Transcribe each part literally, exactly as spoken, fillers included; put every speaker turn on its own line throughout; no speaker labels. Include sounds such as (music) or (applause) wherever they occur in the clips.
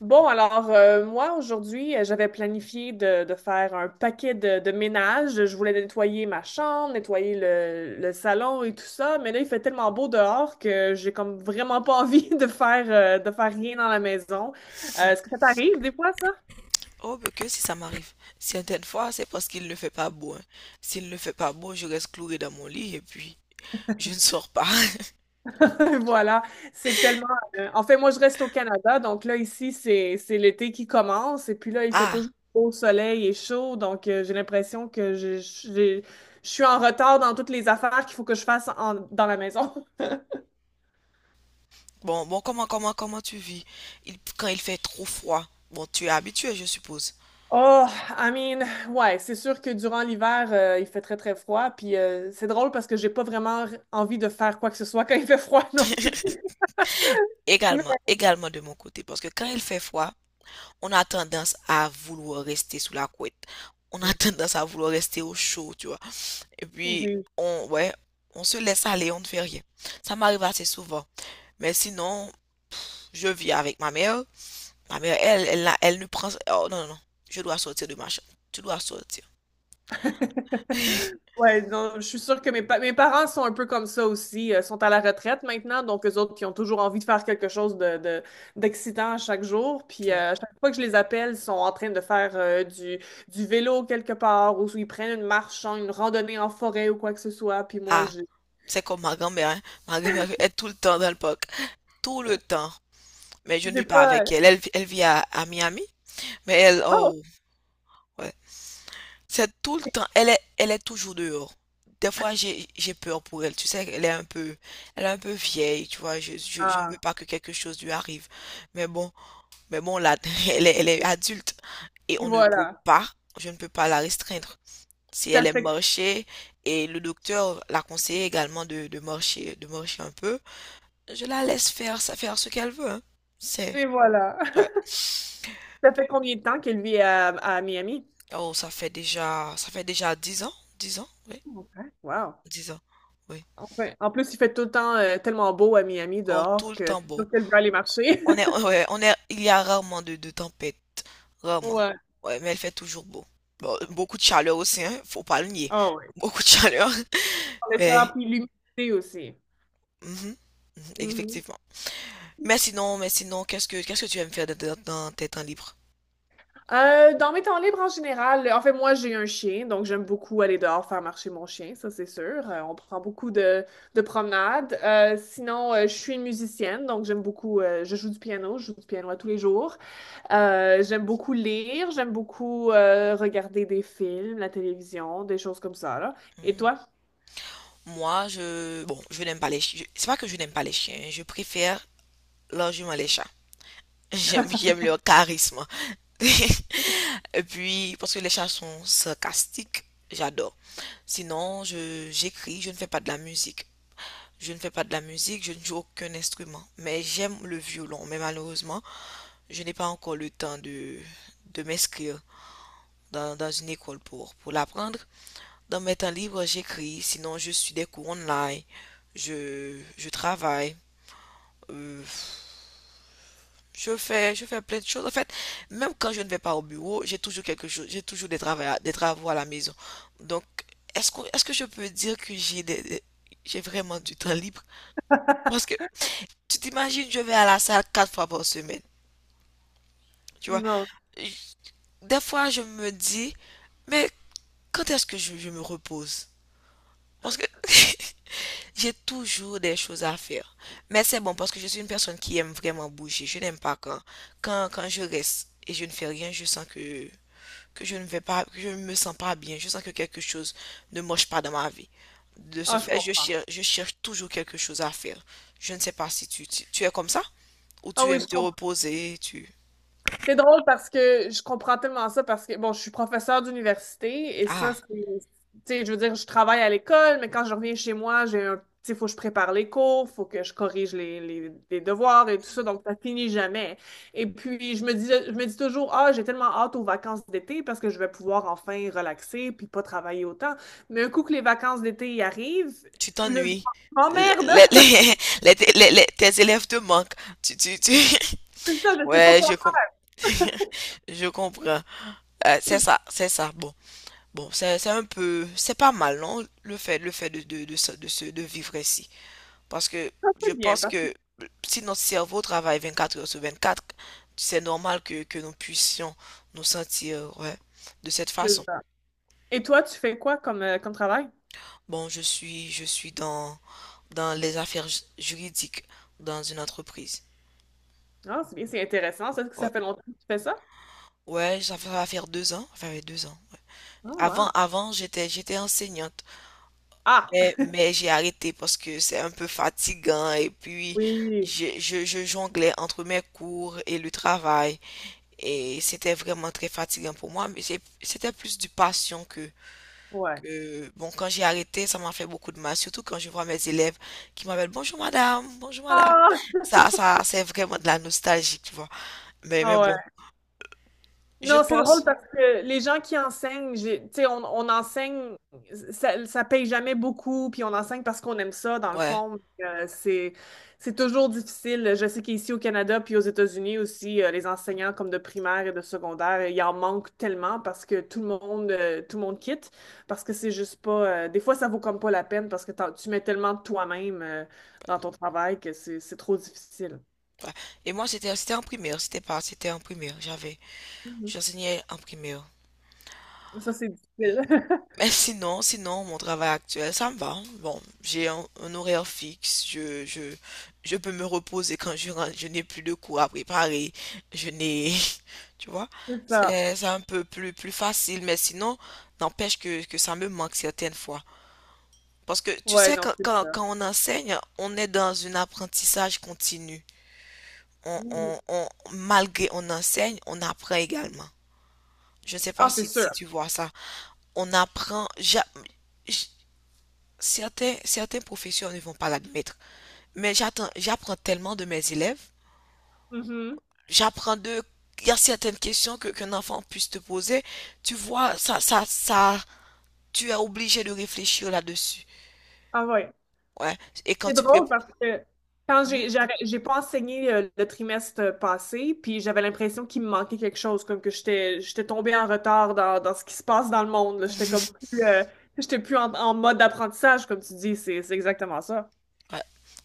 Bon, alors euh, moi, aujourd'hui, euh, j'avais planifié de, de faire un paquet de, de ménage. Je voulais nettoyer ma chambre, nettoyer le, le salon et tout ça, mais là, il fait tellement beau dehors que j'ai comme vraiment pas envie (laughs) de faire, euh, de faire rien dans la maison. Euh, est-ce que ça t'arrive des fois, ça?
Oh, mais que si ça m'arrive. Certaines fois, c'est parce qu'il ne fait pas beau, hein. S'il ne fait pas beau, je reste cloué dans mon lit et puis je ne sors pas. (laughs)
(laughs) Voilà, c'est tellement. euh, En fait, moi, je reste au Canada, donc là, ici, c'est c'est l'été qui commence, et puis là, il fait
Ah,
toujours beau soleil et chaud, donc euh, j'ai l'impression que je, je- j'ai- je suis en retard dans toutes les affaires qu'il faut que je fasse en- dans la maison. (laughs)
bon, bon, comment, comment, comment tu vis? Il- quand il fait trop froid, bon, tu es habitué, je suppose.
Oh, I mean, ouais, c'est sûr que durant l'hiver, euh, il fait très, très froid, puis euh, c'est drôle parce que j'ai pas vraiment envie de faire quoi que ce soit quand il fait froid (laughs) non plus.
Également,
Mais-
également de mon côté, parce que quand il fait froid, on a tendance à vouloir rester sous la couette. On a tendance à vouloir rester au chaud, tu vois. Et puis,
Oui,
on, ouais, on se laisse aller, on ne fait rien. Ça m'arrive assez souvent. Mais sinon, je vis avec ma mère. Ma mère, elle, elle, n'a- elle ne prend. Oh non, non, non. Je dois sortir de ma chambre. Tu dois sortir.
ouais, non, je suis sûre que mes, pa- mes parents sont un peu comme ça aussi, euh, sont à la retraite maintenant, donc eux autres qui ont toujours envie de faire quelque chose de, de- d'excitant à chaque jour. Puis
Oh.
euh, à chaque fois que je les appelle, ils sont en train de faire euh, du, du vélo quelque part, ou ils prennent une marche, hein, une randonnée en forêt ou quoi que ce soit. Puis moi,
Ah,
j'ai
c'est comme ma grand-mère, hein. Ma grand-mère est tout le temps dans le parc. Tout le temps. Mais je ne
j'ai
vis pas
pas.
avec
euh,
elle. Elle, elle vit à, à Miami. Mais elle,
Oh!
oh, ouais. C'est tout le temps. Elle est, elle est toujours dehors. Des fois, j'ai, j'ai peur pour elle. Tu sais, elle est un peu, elle est un peu vieille. Tu vois, je, je, je ne veux
Ah,
pas que quelque chose lui arrive. Mais bon, Mais bon, là, (laughs) elle est, elle est adulte et
et
on ne peut
voilà.
pas, je ne peux pas la restreindre. Si
Ça
elle aime
fait,
marcher et le docteur l'a conseillé également de, de marcher, de marcher un peu, je la laisse faire, ça faire ce qu'elle veut, hein. C'est,
et voilà.
ouais.
(laughs) Ça fait combien de temps qu'elle vit à, à Miami?
Oh, ça fait déjà, ça fait déjà dix ans, dix ans, oui,
Ok. Wow.
dix ans, oui.
Enfin, en plus, il fait tout le temps euh, tellement beau à Miami
Oh, tout
dehors
le
que c'est
temps beau.
sûr qu'elle veut aller marcher.
On est,
(laughs)
ouais, on est, il y a rarement de, de tempêtes, rarement.
Ouais.
Ouais, mais elle fait toujours beau. Bon, beaucoup de chaleur aussi, hein, faut pas le nier.
Ah ouais.
Beaucoup de chaleur.
Le
Mais
chaleur puis l'humidité aussi.
mmh mh,
Mhm.
effectivement. Mais sinon mais sinon, qu'est-ce que qu'est-ce que tu aimes faire dans tes dans tes temps libres?
Euh, dans mes temps libres en général, en fait, moi, j'ai un chien, donc j'aime beaucoup aller dehors faire marcher mon chien, ça c'est sûr. Euh, on prend beaucoup de, de promenades. Euh, sinon, euh, je suis une musicienne, donc j'aime beaucoup, euh, je joue du piano, je joue du piano à tous les jours. Euh, j'aime beaucoup lire, j'aime beaucoup euh, regarder des films, la télévision, des choses comme ça, là. Et
Hmm.
toi?
Moi, je, bon, je n'aime pas les chiens. C'est pas que je n'aime pas les chiens, je préfère largement les chats. (laughs) J'aime j'aime leur charisme. (laughs) Et puis parce que les chats sont sarcastiques, j'adore. Sinon, je j'écris, je ne fais pas de la musique. Je ne fais pas de la musique, je ne joue aucun instrument, mais j'aime le violon. Mais malheureusement, je n'ai pas encore le temps de de m'inscrire dans, dans une école pour, pour l'apprendre. Dans mes temps libres, j'écris, sinon je suis des cours online, je, je travaille, euh, je fais, je fais plein de choses. En fait, même quand je ne vais pas au bureau, j'ai toujours quelque chose, j'ai toujours des travaux, des travaux, à la maison. Donc, est-ce que, est-ce que je peux dire que j'ai des, des- j'ai vraiment du temps libre? Parce que tu t'imagines, je vais à la salle quatre fois par semaine, tu vois.
Non.
Des fois, je me dis, mais quand est-ce que je, je me repose? Parce que (laughs) j'ai toujours des choses à faire. Mais c'est bon parce que je suis une personne qui aime vraiment bouger. Je n'aime pas quand, quand, quand je reste et je ne fais rien, je sens que, que je ne vais pas, que je ne me sens pas bien. Je sens que quelque chose ne marche pas dans ma vie. De ce
Ah, je
fait, je
comprends.
cherche, je cherche toujours quelque chose à faire. Je ne sais pas si tu, tu, tu es comme ça ou
Ah
tu
oui,
aimes
je
te
comprends.
reposer, tu...
C'est drôle parce que je comprends tellement ça parce que, bon, je suis professeure d'université et ça,
Ah,
c'est, tu sais, je veux dire, je travaille à l'école, mais quand je reviens chez moi, j'ai un, tu sais, faut que je prépare les cours, faut que je corrige les, les, les devoirs et tout ça, donc ça finit jamais. Et puis, je me dis, je me dis toujours, ah, j'ai tellement hâte aux vacances d'été parce que je vais pouvoir enfin relaxer puis pas travailler autant. Mais un coup que les vacances d'été y arrivent,
tu
le...
t'ennuies.
oh
Les,
merde!
les,
(laughs)
les- les- les- les- tes élèves te manquent. Tu, tu, tu... (laughs)
C'est ça, je sais pas
Ouais,
quoi
je comprends. (laughs) Je comprends. Euh, c'est ça, c'est ça. Bon, bon, c'est c'est un peu, c'est pas mal, non, le fait, le fait de de de se- de, se- de vivre ici, parce que
faire.
je
C'est bien
pense
parce
que si notre cerveau travaille vingt-quatre heures sur vingt-quatre, c'est normal que que nous puissions nous sentir, ouais, de cette
que.
façon.
Et toi, tu fais quoi comme, euh, comme travail?
Bon, je suis, je suis dans dans les affaires ju- juridiques dans une entreprise.
Ah, c'est bien, c'est intéressant. Ça, est-ce que
Ouais,
ça fait longtemps que tu fais ça?
ouais, ça fait- ça va faire deux ans, ça fait deux ans. Ouais.
Ah,
Avant,
wow.
avant, j'étais j'étais enseignante.
Ah!
Mais, mais j'ai arrêté parce que c'est un peu fatigant et puis
Oui,
je, je, je jonglais entre mes cours et le travail et c'était vraiment très fatigant pour moi, mais c'est- c'était plus du passion que,
ouais.
que, bon, quand j'ai arrêté, ça m'a fait beaucoup de mal, surtout quand je vois mes élèves qui m'appellent, bonjour madame, bonjour madame.
Ah!
Ça, ça, c'est vraiment de la nostalgie, tu vois. Mais, mais
Ah, ouais.
bon, je
Non, c'est drôle
pense,
parce que les gens qui enseignent, j'ai- tu sais, on, on enseigne, ça, ça paye jamais beaucoup, puis on enseigne parce qu'on aime ça, dans le
ouais.
fond. Euh, c'est, c'est toujours difficile. Je sais qu'ici au Canada, puis aux États-Unis aussi, euh, les enseignants comme de primaire et de secondaire, il en manque tellement parce que tout le monde, euh, tout le monde quitte, parce que c'est juste pas, euh, des fois, ça vaut comme pas la peine parce que t'en- tu mets tellement de toi-même, euh, dans ton travail que c'est, c'est trop difficile.
Ouais. Et moi, c'était, c'était en primaire, c'était pas, c'était en primaire, j'avais,
Mhm.
j'enseignais en primaire.
Ça, c'est difficile. (laughs)
Mais sinon, sinon, mon travail actuel, ça me va. Bon, j'ai un, un horaire fixe. Je, je, je peux me reposer quand je rentre. Je n'ai plus de cours à préparer. Je n'ai, (laughs) tu vois,
C'est ça.
c'est c'est un peu plus, plus, facile. Mais sinon, n'empêche que, que ça me manque certaines fois. Parce que tu
Ouais,
sais,
non,
quand,
c'est
quand,
ça.
quand on enseigne, on est dans un apprentissage continu. On,
Mhm.
on, on, malgré on enseigne, on apprend également. Je ne sais pas
Ah, c'est
si,
sûr.
si tu vois ça. On apprend. ja- Certains, certains professeurs ne vont pas l'admettre, mais j'attends, j'apprends tellement de mes élèves,
Mhm.
j'apprends de, il y a certaines questions que qu'un enfant puisse te poser, tu vois, ça, ça, ça, tu es obligé de réfléchir là-dessus.
Ah ouais.
Ouais, et quand
C'est
tu
drôle
prépares,
parce que quand
ouais,
j'ai j'ai arrêt- j'ai pas enseigné euh, le trimestre passé, puis j'avais l'impression qu'il me manquait quelque chose, comme que j'étais j'étais tombée en retard dans, dans ce qui se passe dans le monde. Là. J'étais comme plus euh, j'étais plus en, en mode d'apprentissage, comme tu dis, c'est c'est exactement ça.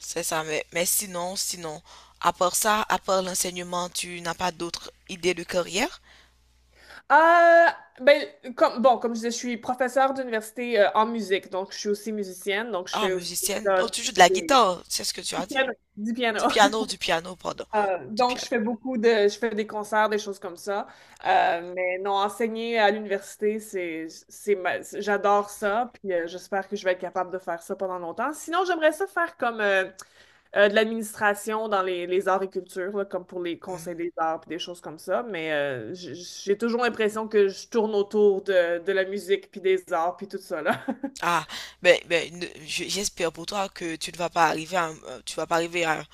c'est ça, mais, mais sinon, sinon, à part ça, à part l'enseignement, tu n'as pas d'autres idées de carrière?
Euh, ben comme bon, comme je disais, je suis professeure d'université euh, en musique, donc je suis aussi musicienne, donc je
Ah,
fais aussi
musicienne,
ça,
oh, tu
je
joues de
fais
la
des,
guitare, c'est ce que tu as dit.
du
Du
piano.
piano, du piano, pardon,
Euh,
du
donc, je
piano.
fais beaucoup de, je fais des concerts, des choses comme ça. Euh, mais non, enseigner à l'université, c'est, c'est ma- c'est- j'adore ça. Puis euh, j'espère que je vais être capable de faire ça pendant longtemps. Sinon, j'aimerais ça faire comme euh, euh, de l'administration dans les, les arts et cultures, là, comme pour les conseils
Mhm.
des arts, puis des choses comme ça. Mais euh, j- j'ai toujours l'impression que je tourne autour de, de la musique, puis des arts, puis tout ça, là. (laughs)
Ah, ben, ben, ne- je- j'espère pour toi que tu ne vas pas arriver à, euh, tu vas pas arriver à-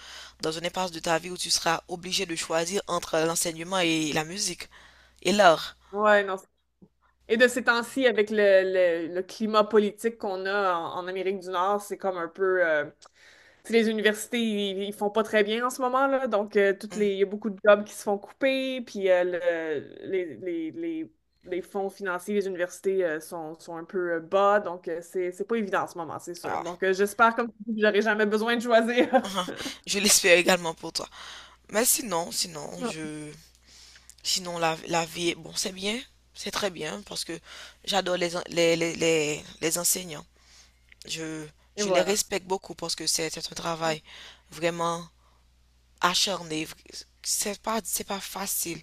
dans une impasse de ta vie où tu seras obligé de choisir entre l'enseignement et la musique et l'art.
Ouais, non, et de ces temps-ci, avec le, le- le climat politique qu'on a en, en Amérique du Nord, c'est comme un peu... euh, tu sais, les universités, ils, ils font pas très bien en ce moment, là. Donc, euh, toutes
Hmm.
les, il y a beaucoup de jobs qui se font couper, puis euh, le- les, les, les- les fonds financiers des universités euh, sont, sont un peu euh, bas. Donc, euh, c'est, c'est pas évident en ce moment, c'est sûr.
Ah,
Donc, euh, j'espère, comme tu dis, que j'aurai jamais besoin de choisir.
(laughs) je l'espère également pour toi. Mais sinon, sinon,
(laughs)
je, sinon la, la vie, est- bon, c'est bien, c'est très bien parce que j'adore les, en- les, les, les, les enseignants. Je,
Et
je les
voilà.
respecte beaucoup parce que c'est c'est un travail vraiment acharné. C'est pas, c'est pas facile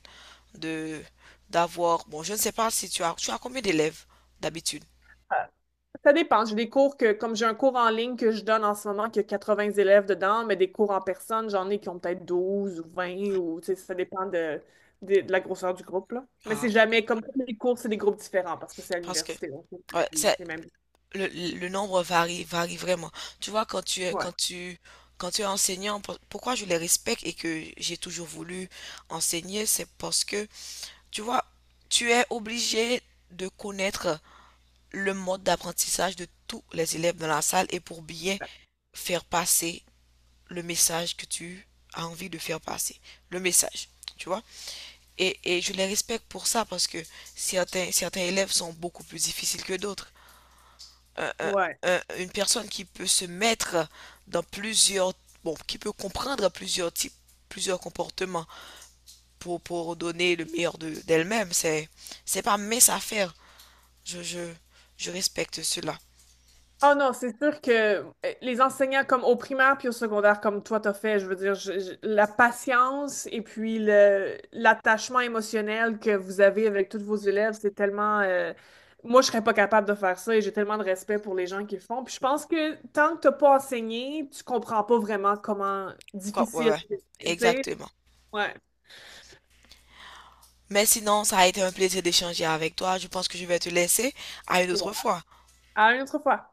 de d'avoir. Bon, je ne sais pas si tu as, tu as combien d'élèves d'habitude?
Ça dépend. J'ai des cours que, comme j'ai un cours en ligne que je donne en ce moment, qui a quatre-vingts élèves dedans, mais des cours en personne, j'en ai qui ont peut-être douze ou vingt, ou tu sais, ça dépend de, de, de la grosseur du groupe, là. Mais
Ah,
c'est
ok,
jamais comme tous les cours, c'est des groupes différents parce que c'est à
parce que
l'université, donc c'est jamais
ouais,
les
c'est
les mêmes.
le, le nombre varie, varie vraiment. Tu vois, quand tu es,
Ouais.
quand tu, quand tu es enseignant, pour- pourquoi je les respecte et que j'ai toujours voulu enseigner, c'est parce que, tu vois, tu es obligé de connaître le mode d'apprentissage de tous les élèves dans la salle et pour bien faire passer le message que tu as envie de faire passer. Le message, tu vois. Et, et je les respecte pour ça parce que certains, certains élèves sont beaucoup plus difficiles que d'autres. Un- un-
Ouais.
un- une personne qui peut se mettre dans plusieurs, bon, qui peut comprendre plusieurs types, plusieurs comportements pour, pour donner le meilleur de, d'elle-même, c'est, c'est pas mes affaires. Je, je, je respecte cela.
Oh non, c'est sûr que euh, les enseignants comme au primaire puis au secondaire comme toi t'as fait, je veux dire, je- je- la patience et puis le l'attachement émotionnel que vous avez avec tous vos élèves, c'est tellement euh, moi je serais pas capable de faire ça et j'ai tellement de respect pour les gens qui le font. Puis je pense que tant que t'as pas enseigné, tu comprends pas vraiment comment
Quoi, ouais,
difficile,
ouais,
c'est, tu sais,
exactement.
ouais.
Mais sinon, ça a été un plaisir d'échanger avec toi. Je pense que je vais te laisser à une
C'est bon.
autre fois.
À une autre fois.